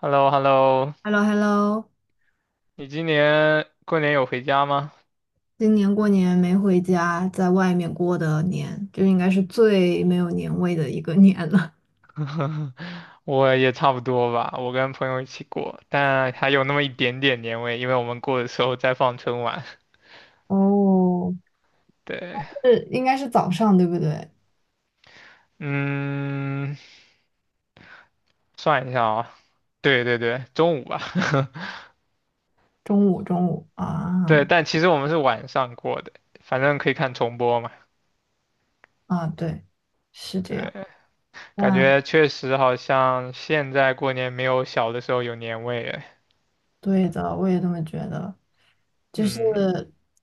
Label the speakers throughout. Speaker 1: h e l l o h e l l o
Speaker 2: h e l l o h e l l o
Speaker 1: 你今年过年有回家吗？
Speaker 2: 今年过年没回家，在外面过的年，就应该是最没有年味的一个年了。
Speaker 1: 我也差不多吧，我跟朋友一起过，但还有那么一点点年味，因为我们过的时候在放春晚。
Speaker 2: 哦，
Speaker 1: 对，
Speaker 2: 是，应该是早上，对不对？
Speaker 1: 嗯，算一下啊，对对对，中午吧，
Speaker 2: 中午，中午
Speaker 1: 对，
Speaker 2: 啊
Speaker 1: 但其实我们是晚上过的，反正可以看重播嘛。
Speaker 2: 啊，对，是这样。
Speaker 1: 对，感
Speaker 2: 那。
Speaker 1: 觉确实好像现在过年没有小的时候有年味哎。
Speaker 2: 对的，我也这么觉得。就是
Speaker 1: 嗯，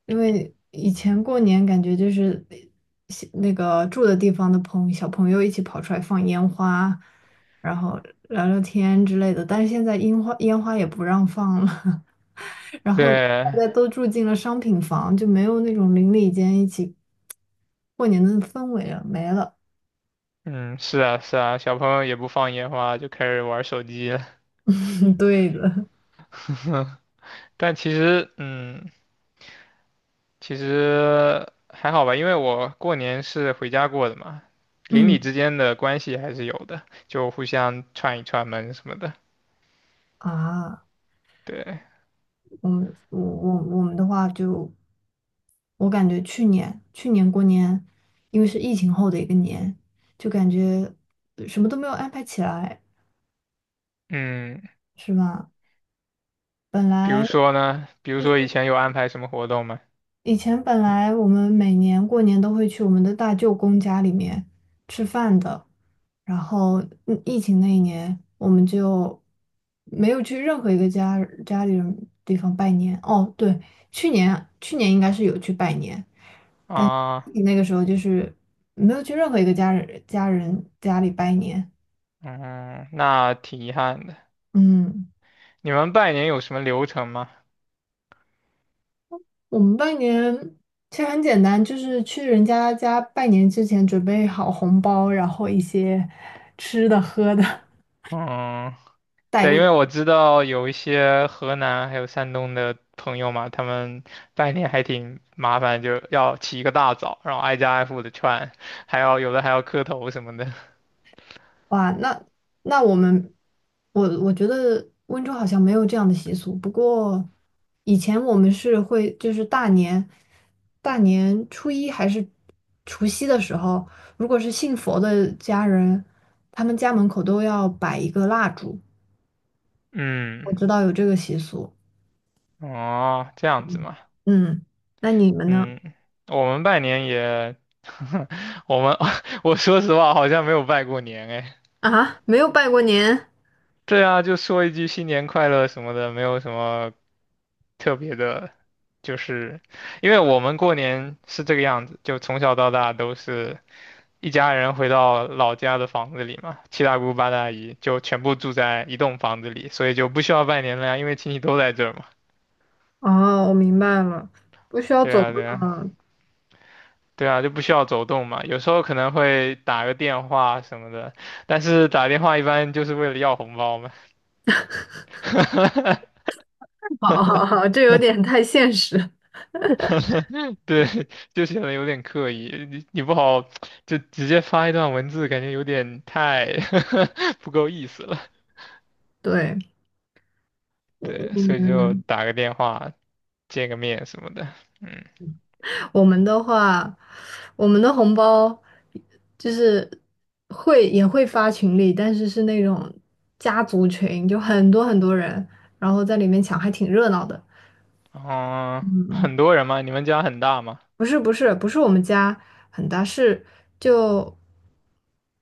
Speaker 2: 因为以前过年感觉就是西那个住的地方的朋小朋友一起跑出来放烟花，然后聊聊天之类的，但是现在烟花也不让放了，然后大
Speaker 1: 对，
Speaker 2: 家都住进了商品房，就没有那种邻里间一起过年的氛围了，没了。
Speaker 1: 嗯，是啊是啊，小朋友也不放烟花，就开始玩手机了。
Speaker 2: 对的，
Speaker 1: 但其实，嗯，其实还好吧，因为我过年是回家过的嘛，邻里
Speaker 2: 嗯
Speaker 1: 之间的关系还是有的，就互相串一串门什么的。
Speaker 2: 啊。
Speaker 1: 对，
Speaker 2: 我们的话就，我感觉去年过年，因为是疫情后的一个年，就感觉什么都没有安排起来，
Speaker 1: 嗯，
Speaker 2: 是吧？本
Speaker 1: 比如
Speaker 2: 来
Speaker 1: 说呢，比如说以前有安排什么活动吗？
Speaker 2: 以前本来我们每年过年都会去我们的大舅公家里面吃饭的，然后疫情那一年我们就没有去任何一个家家里人地方拜年。哦，对，去年应该是有去拜年。但
Speaker 1: 啊，
Speaker 2: 那个时候就是没有去任何一个家人家人家里拜年。
Speaker 1: 嗯，那挺遗憾的。
Speaker 2: 嗯，
Speaker 1: 你们拜年有什么流程吗？
Speaker 2: 我们拜年其实很简单，就是去人家家拜年之前准备好红包，然后一些吃的喝的
Speaker 1: 嗯，
Speaker 2: 带
Speaker 1: 对，
Speaker 2: 过。
Speaker 1: 因为我知道有一些河南还有山东的朋友嘛，他们拜年还挺麻烦，就要起一个大早，然后挨家挨户的串，还要有的还要磕头什么的。
Speaker 2: 哇，那那我们，我我觉得温州好像没有这样的习俗。不过以前我们是会，就是大年初一还是除夕的时候，如果是信佛的家人，他们家门口都要摆一个蜡烛。
Speaker 1: 嗯，
Speaker 2: 我知道有这个习俗。
Speaker 1: 哦，这样子嘛。
Speaker 2: 嗯，那你们呢？
Speaker 1: 嗯，我们拜年也，我们 我说实话好像没有拜过年哎。
Speaker 2: 啊，没有拜过年？
Speaker 1: 对啊，就说一句新年快乐什么的，没有什么特别的，就是因为我们过年是这个样子，就从小到大都是。一家人回到老家的房子里嘛，七大姑八大姨就全部住在一栋房子里，所以就不需要拜年了呀，因为亲戚都在这儿嘛。
Speaker 2: 哦，我明白了，不需要
Speaker 1: 对
Speaker 2: 走
Speaker 1: 啊，
Speaker 2: 个，
Speaker 1: 对啊，对啊，就不需要走动嘛。有时候可能会打个电话什么的，但是打电话一般就是为了要红包嘛。
Speaker 2: 好好好，这有点太现实。
Speaker 1: 对，就显得有点刻意，你不好就直接发一段文字，感觉有点太 不够意思了。
Speaker 2: 对，
Speaker 1: 对，所以就
Speaker 2: 嗯，
Speaker 1: 打个电话见个面什么的，嗯。
Speaker 2: 我们的话，我们的红包就是会也会发群里，但是是那种家族群，就很多人，然后在里面抢，还挺热闹的。
Speaker 1: 嗯，很多人吗？你们家很大吗？
Speaker 2: 不是我们家很大，是就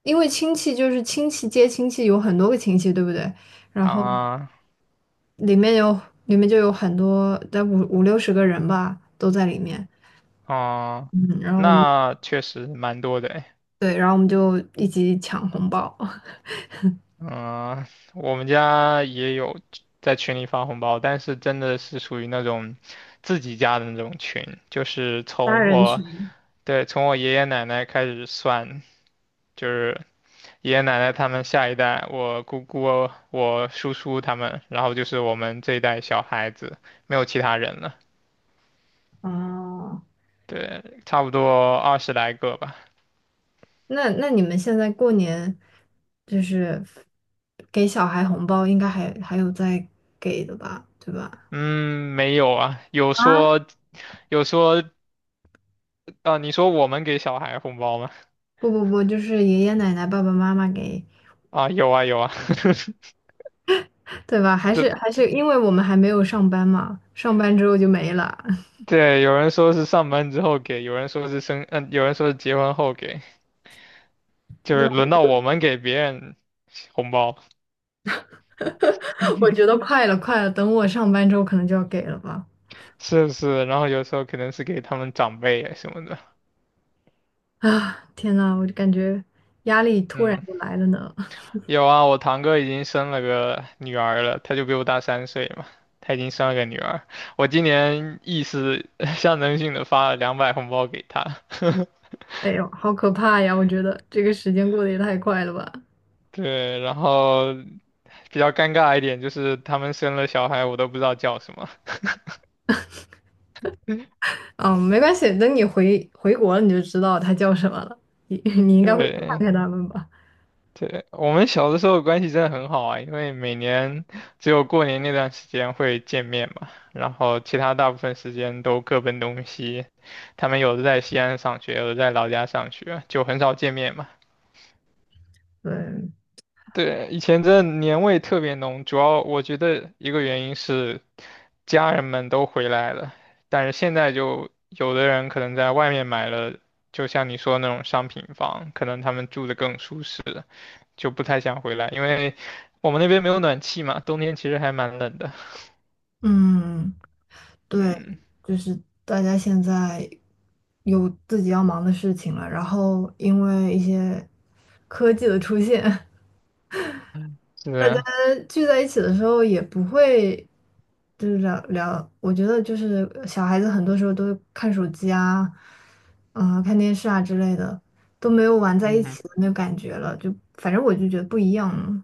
Speaker 2: 因为亲戚就是亲戚接亲戚，有很多个亲戚，对不对？然后
Speaker 1: 啊，
Speaker 2: 里面有里面就有很多，在五五六十个人吧，都在里面。
Speaker 1: 啊，
Speaker 2: 嗯，然后我们
Speaker 1: 那确实蛮多的诶。
Speaker 2: 对，然后我们就一起抢红包，
Speaker 1: 嗯，我们家也有在群里发红包，但是真的是属于那种自己家的那种群，就是
Speaker 2: 八
Speaker 1: 从
Speaker 2: 人
Speaker 1: 我，
Speaker 2: 群。
Speaker 1: 对，从我爷爷奶奶开始算，就是爷爷奶奶他们下一代，我姑姑、我叔叔他们，然后就是我们这一代小孩子，没有其他人了。
Speaker 2: 哦，
Speaker 1: 对，差不多20来个吧。
Speaker 2: 那那你们现在过年就是给小孩红包，应该还还有在给的吧，对吧？
Speaker 1: 嗯，没有啊，有
Speaker 2: 啊，
Speaker 1: 说有说，啊，你说我们给小孩红包吗？
Speaker 2: 不，就是爷爷奶奶、爸爸妈妈给，
Speaker 1: 啊，有啊有啊，
Speaker 2: 对吧？还
Speaker 1: 对
Speaker 2: 是还是因为我们还没有上班嘛，上班之后就没了。
Speaker 1: 对，有人说是上班之后给，有人说是生，嗯、有人说是结婚后给，就是
Speaker 2: 那
Speaker 1: 轮到我们给别人红包，
Speaker 2: 我觉 得快了，快了，等我上班之后可能就要给了吧。
Speaker 1: 是不是？然后有时候可能是给他们长辈啊什么的，
Speaker 2: 啊，天呐，我就感觉压力突然
Speaker 1: 嗯。
Speaker 2: 就来了呢。
Speaker 1: 有啊，我堂哥已经生了个女儿了，他就比我大3岁嘛，他已经生了个女儿。我今年意思 象征性的发了200红包给他，
Speaker 2: 哎呦，好可怕呀！我觉得这个时间过得也太快了吧。
Speaker 1: 对，然后比较尴尬一点就是他们生了小孩，我都不知道叫什么。
Speaker 2: 嗯，没关系，等你回国了你就知道它叫什么了。你 你应该会去
Speaker 1: 对，
Speaker 2: 看看它们吧？
Speaker 1: 对，我们小的时候关系真的很好啊，因为每年只有过年那段时间会见面嘛，然后其他大部分时间都各奔东西。他们有的在西安上学，有的在老家上学，就很少见面嘛。
Speaker 2: 对，
Speaker 1: 对，以前真的年味特别浓，主要我觉得一个原因是家人们都回来了，但是现在就有的人可能在外面买了，就像你说的那种商品房，可能他们住的更舒适，就不太想回来，因为我们那边没有暖气嘛，冬天其实还蛮冷的。
Speaker 2: 嗯，对，
Speaker 1: 嗯，
Speaker 2: 就是大家现在有自己要忙的事情了，然后因为一些科技的出现，
Speaker 1: 是
Speaker 2: 大家
Speaker 1: 的，
Speaker 2: 聚在一起的时候也不会就是聊聊，我觉得就是小孩子很多时候都看手机啊，嗯，看电视啊之类的，都没有玩在一
Speaker 1: 嗯哼，
Speaker 2: 起的那个感觉了。就反正我就觉得不一样了。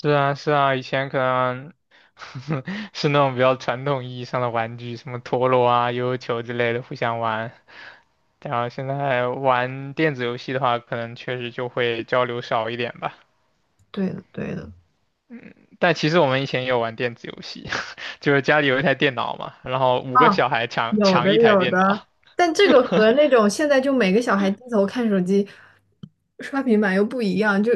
Speaker 1: 是啊，是啊，以前可能 是那种比较传统意义上的玩具，什么陀螺啊、悠悠球之类的，互相玩。然后现在玩电子游戏的话，可能确实就会交流少一点吧。
Speaker 2: 对的，对的。
Speaker 1: 但其实我们以前也有玩电子游戏，就是家里有一台电脑嘛，然后5个
Speaker 2: 啊，
Speaker 1: 小孩抢
Speaker 2: 有的
Speaker 1: 抢一台
Speaker 2: 有
Speaker 1: 电
Speaker 2: 的，
Speaker 1: 脑。
Speaker 2: 但这个和那种现在就每个小孩低头看手机、刷平板又不一样，就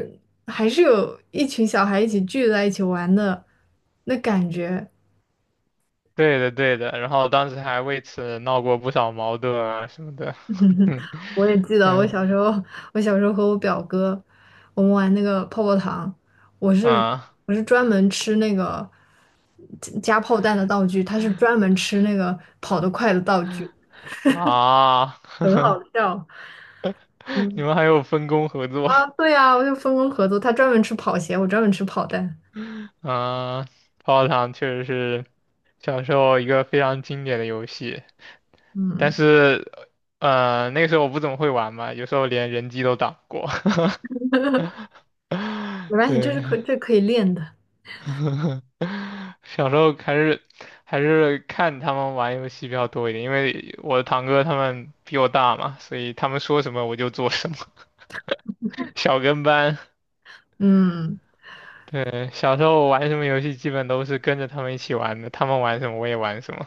Speaker 2: 还是有一群小孩一起聚在一起玩的那感觉。
Speaker 1: 对的，对的。然后当时还为此闹过不少矛盾啊什么的。嗯
Speaker 2: 我也记得我
Speaker 1: 嗯
Speaker 2: 小时候，我小时候和我表哥，我们玩那个泡泡糖，我是
Speaker 1: 啊
Speaker 2: 我是专门吃那个加炮弹的道具，他是专门吃那个跑得快的道具，
Speaker 1: 啊！
Speaker 2: 很好笑。
Speaker 1: 你
Speaker 2: 嗯
Speaker 1: 们还有分工合作？
Speaker 2: 啊，对啊，我就分工合作，他专门吃跑鞋，我专门吃炮弹。
Speaker 1: 嗯，泡泡糖确实是小时候一个非常经典的游戏，但
Speaker 2: 嗯，
Speaker 1: 是，那个时候我不怎么会玩嘛，有时候连人机都打不过。
Speaker 2: 没关系，这
Speaker 1: 对，
Speaker 2: 是这可以练的。
Speaker 1: 小时候还是看他们玩游戏比较多一点，因为我的堂哥他们比我大嘛，所以他们说什么我就做什么，小跟班。
Speaker 2: 嗯，
Speaker 1: 对，小时候玩什么游戏基本都是跟着他们一起玩的，他们玩什么我也玩什么。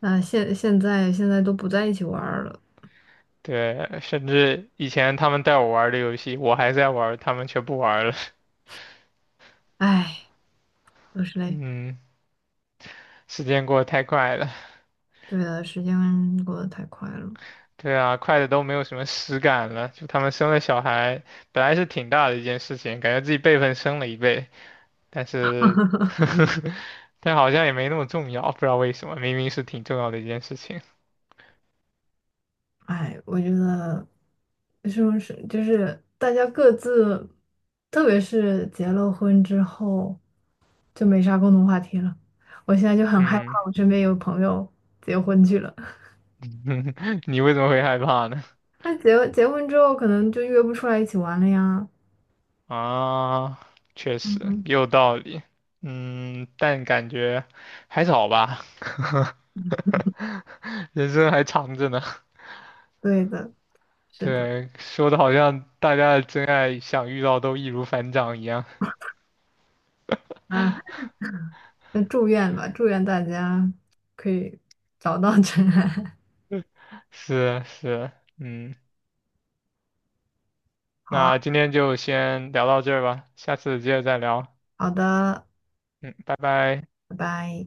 Speaker 2: 那现在现在都不在一起玩儿了，
Speaker 1: 对，甚至以前他们带我玩儿的游戏，我还在玩儿他们却不玩儿了。
Speaker 2: 唉，都是 累。
Speaker 1: 嗯，时间过得太快了。
Speaker 2: 对的，时间过得太快了。
Speaker 1: 对啊，快的都没有什么实感了。就他们生了小孩，本来是挺大的一件事情，感觉自己辈分升了一倍，但是，但好像也没那么重要，不知道为什么，明明是挺重要的一件事情。
Speaker 2: 哎，我觉得是不是就是大家各自，特别是结了婚之后，就没啥共同话题了。我现在就很害怕，
Speaker 1: 嗯，
Speaker 2: 我身边有朋友结婚去了，
Speaker 1: 你为什么会害怕呢？
Speaker 2: 那结婚之后可能就约不出来一起玩了呀。
Speaker 1: 啊，确实
Speaker 2: 嗯，
Speaker 1: 也有道理。嗯，但感觉还早吧。人生还长着呢。
Speaker 2: 对的，是的。
Speaker 1: 对，说的好像大家的真爱想遇到都易如反掌一样。
Speaker 2: 那那祝愿吧，祝愿大家可以找到真爱。
Speaker 1: 是是，嗯，
Speaker 2: 好啊，
Speaker 1: 那今天就先聊到这儿吧，下次接着再聊。
Speaker 2: 好的，
Speaker 1: 嗯，拜拜。
Speaker 2: 拜拜。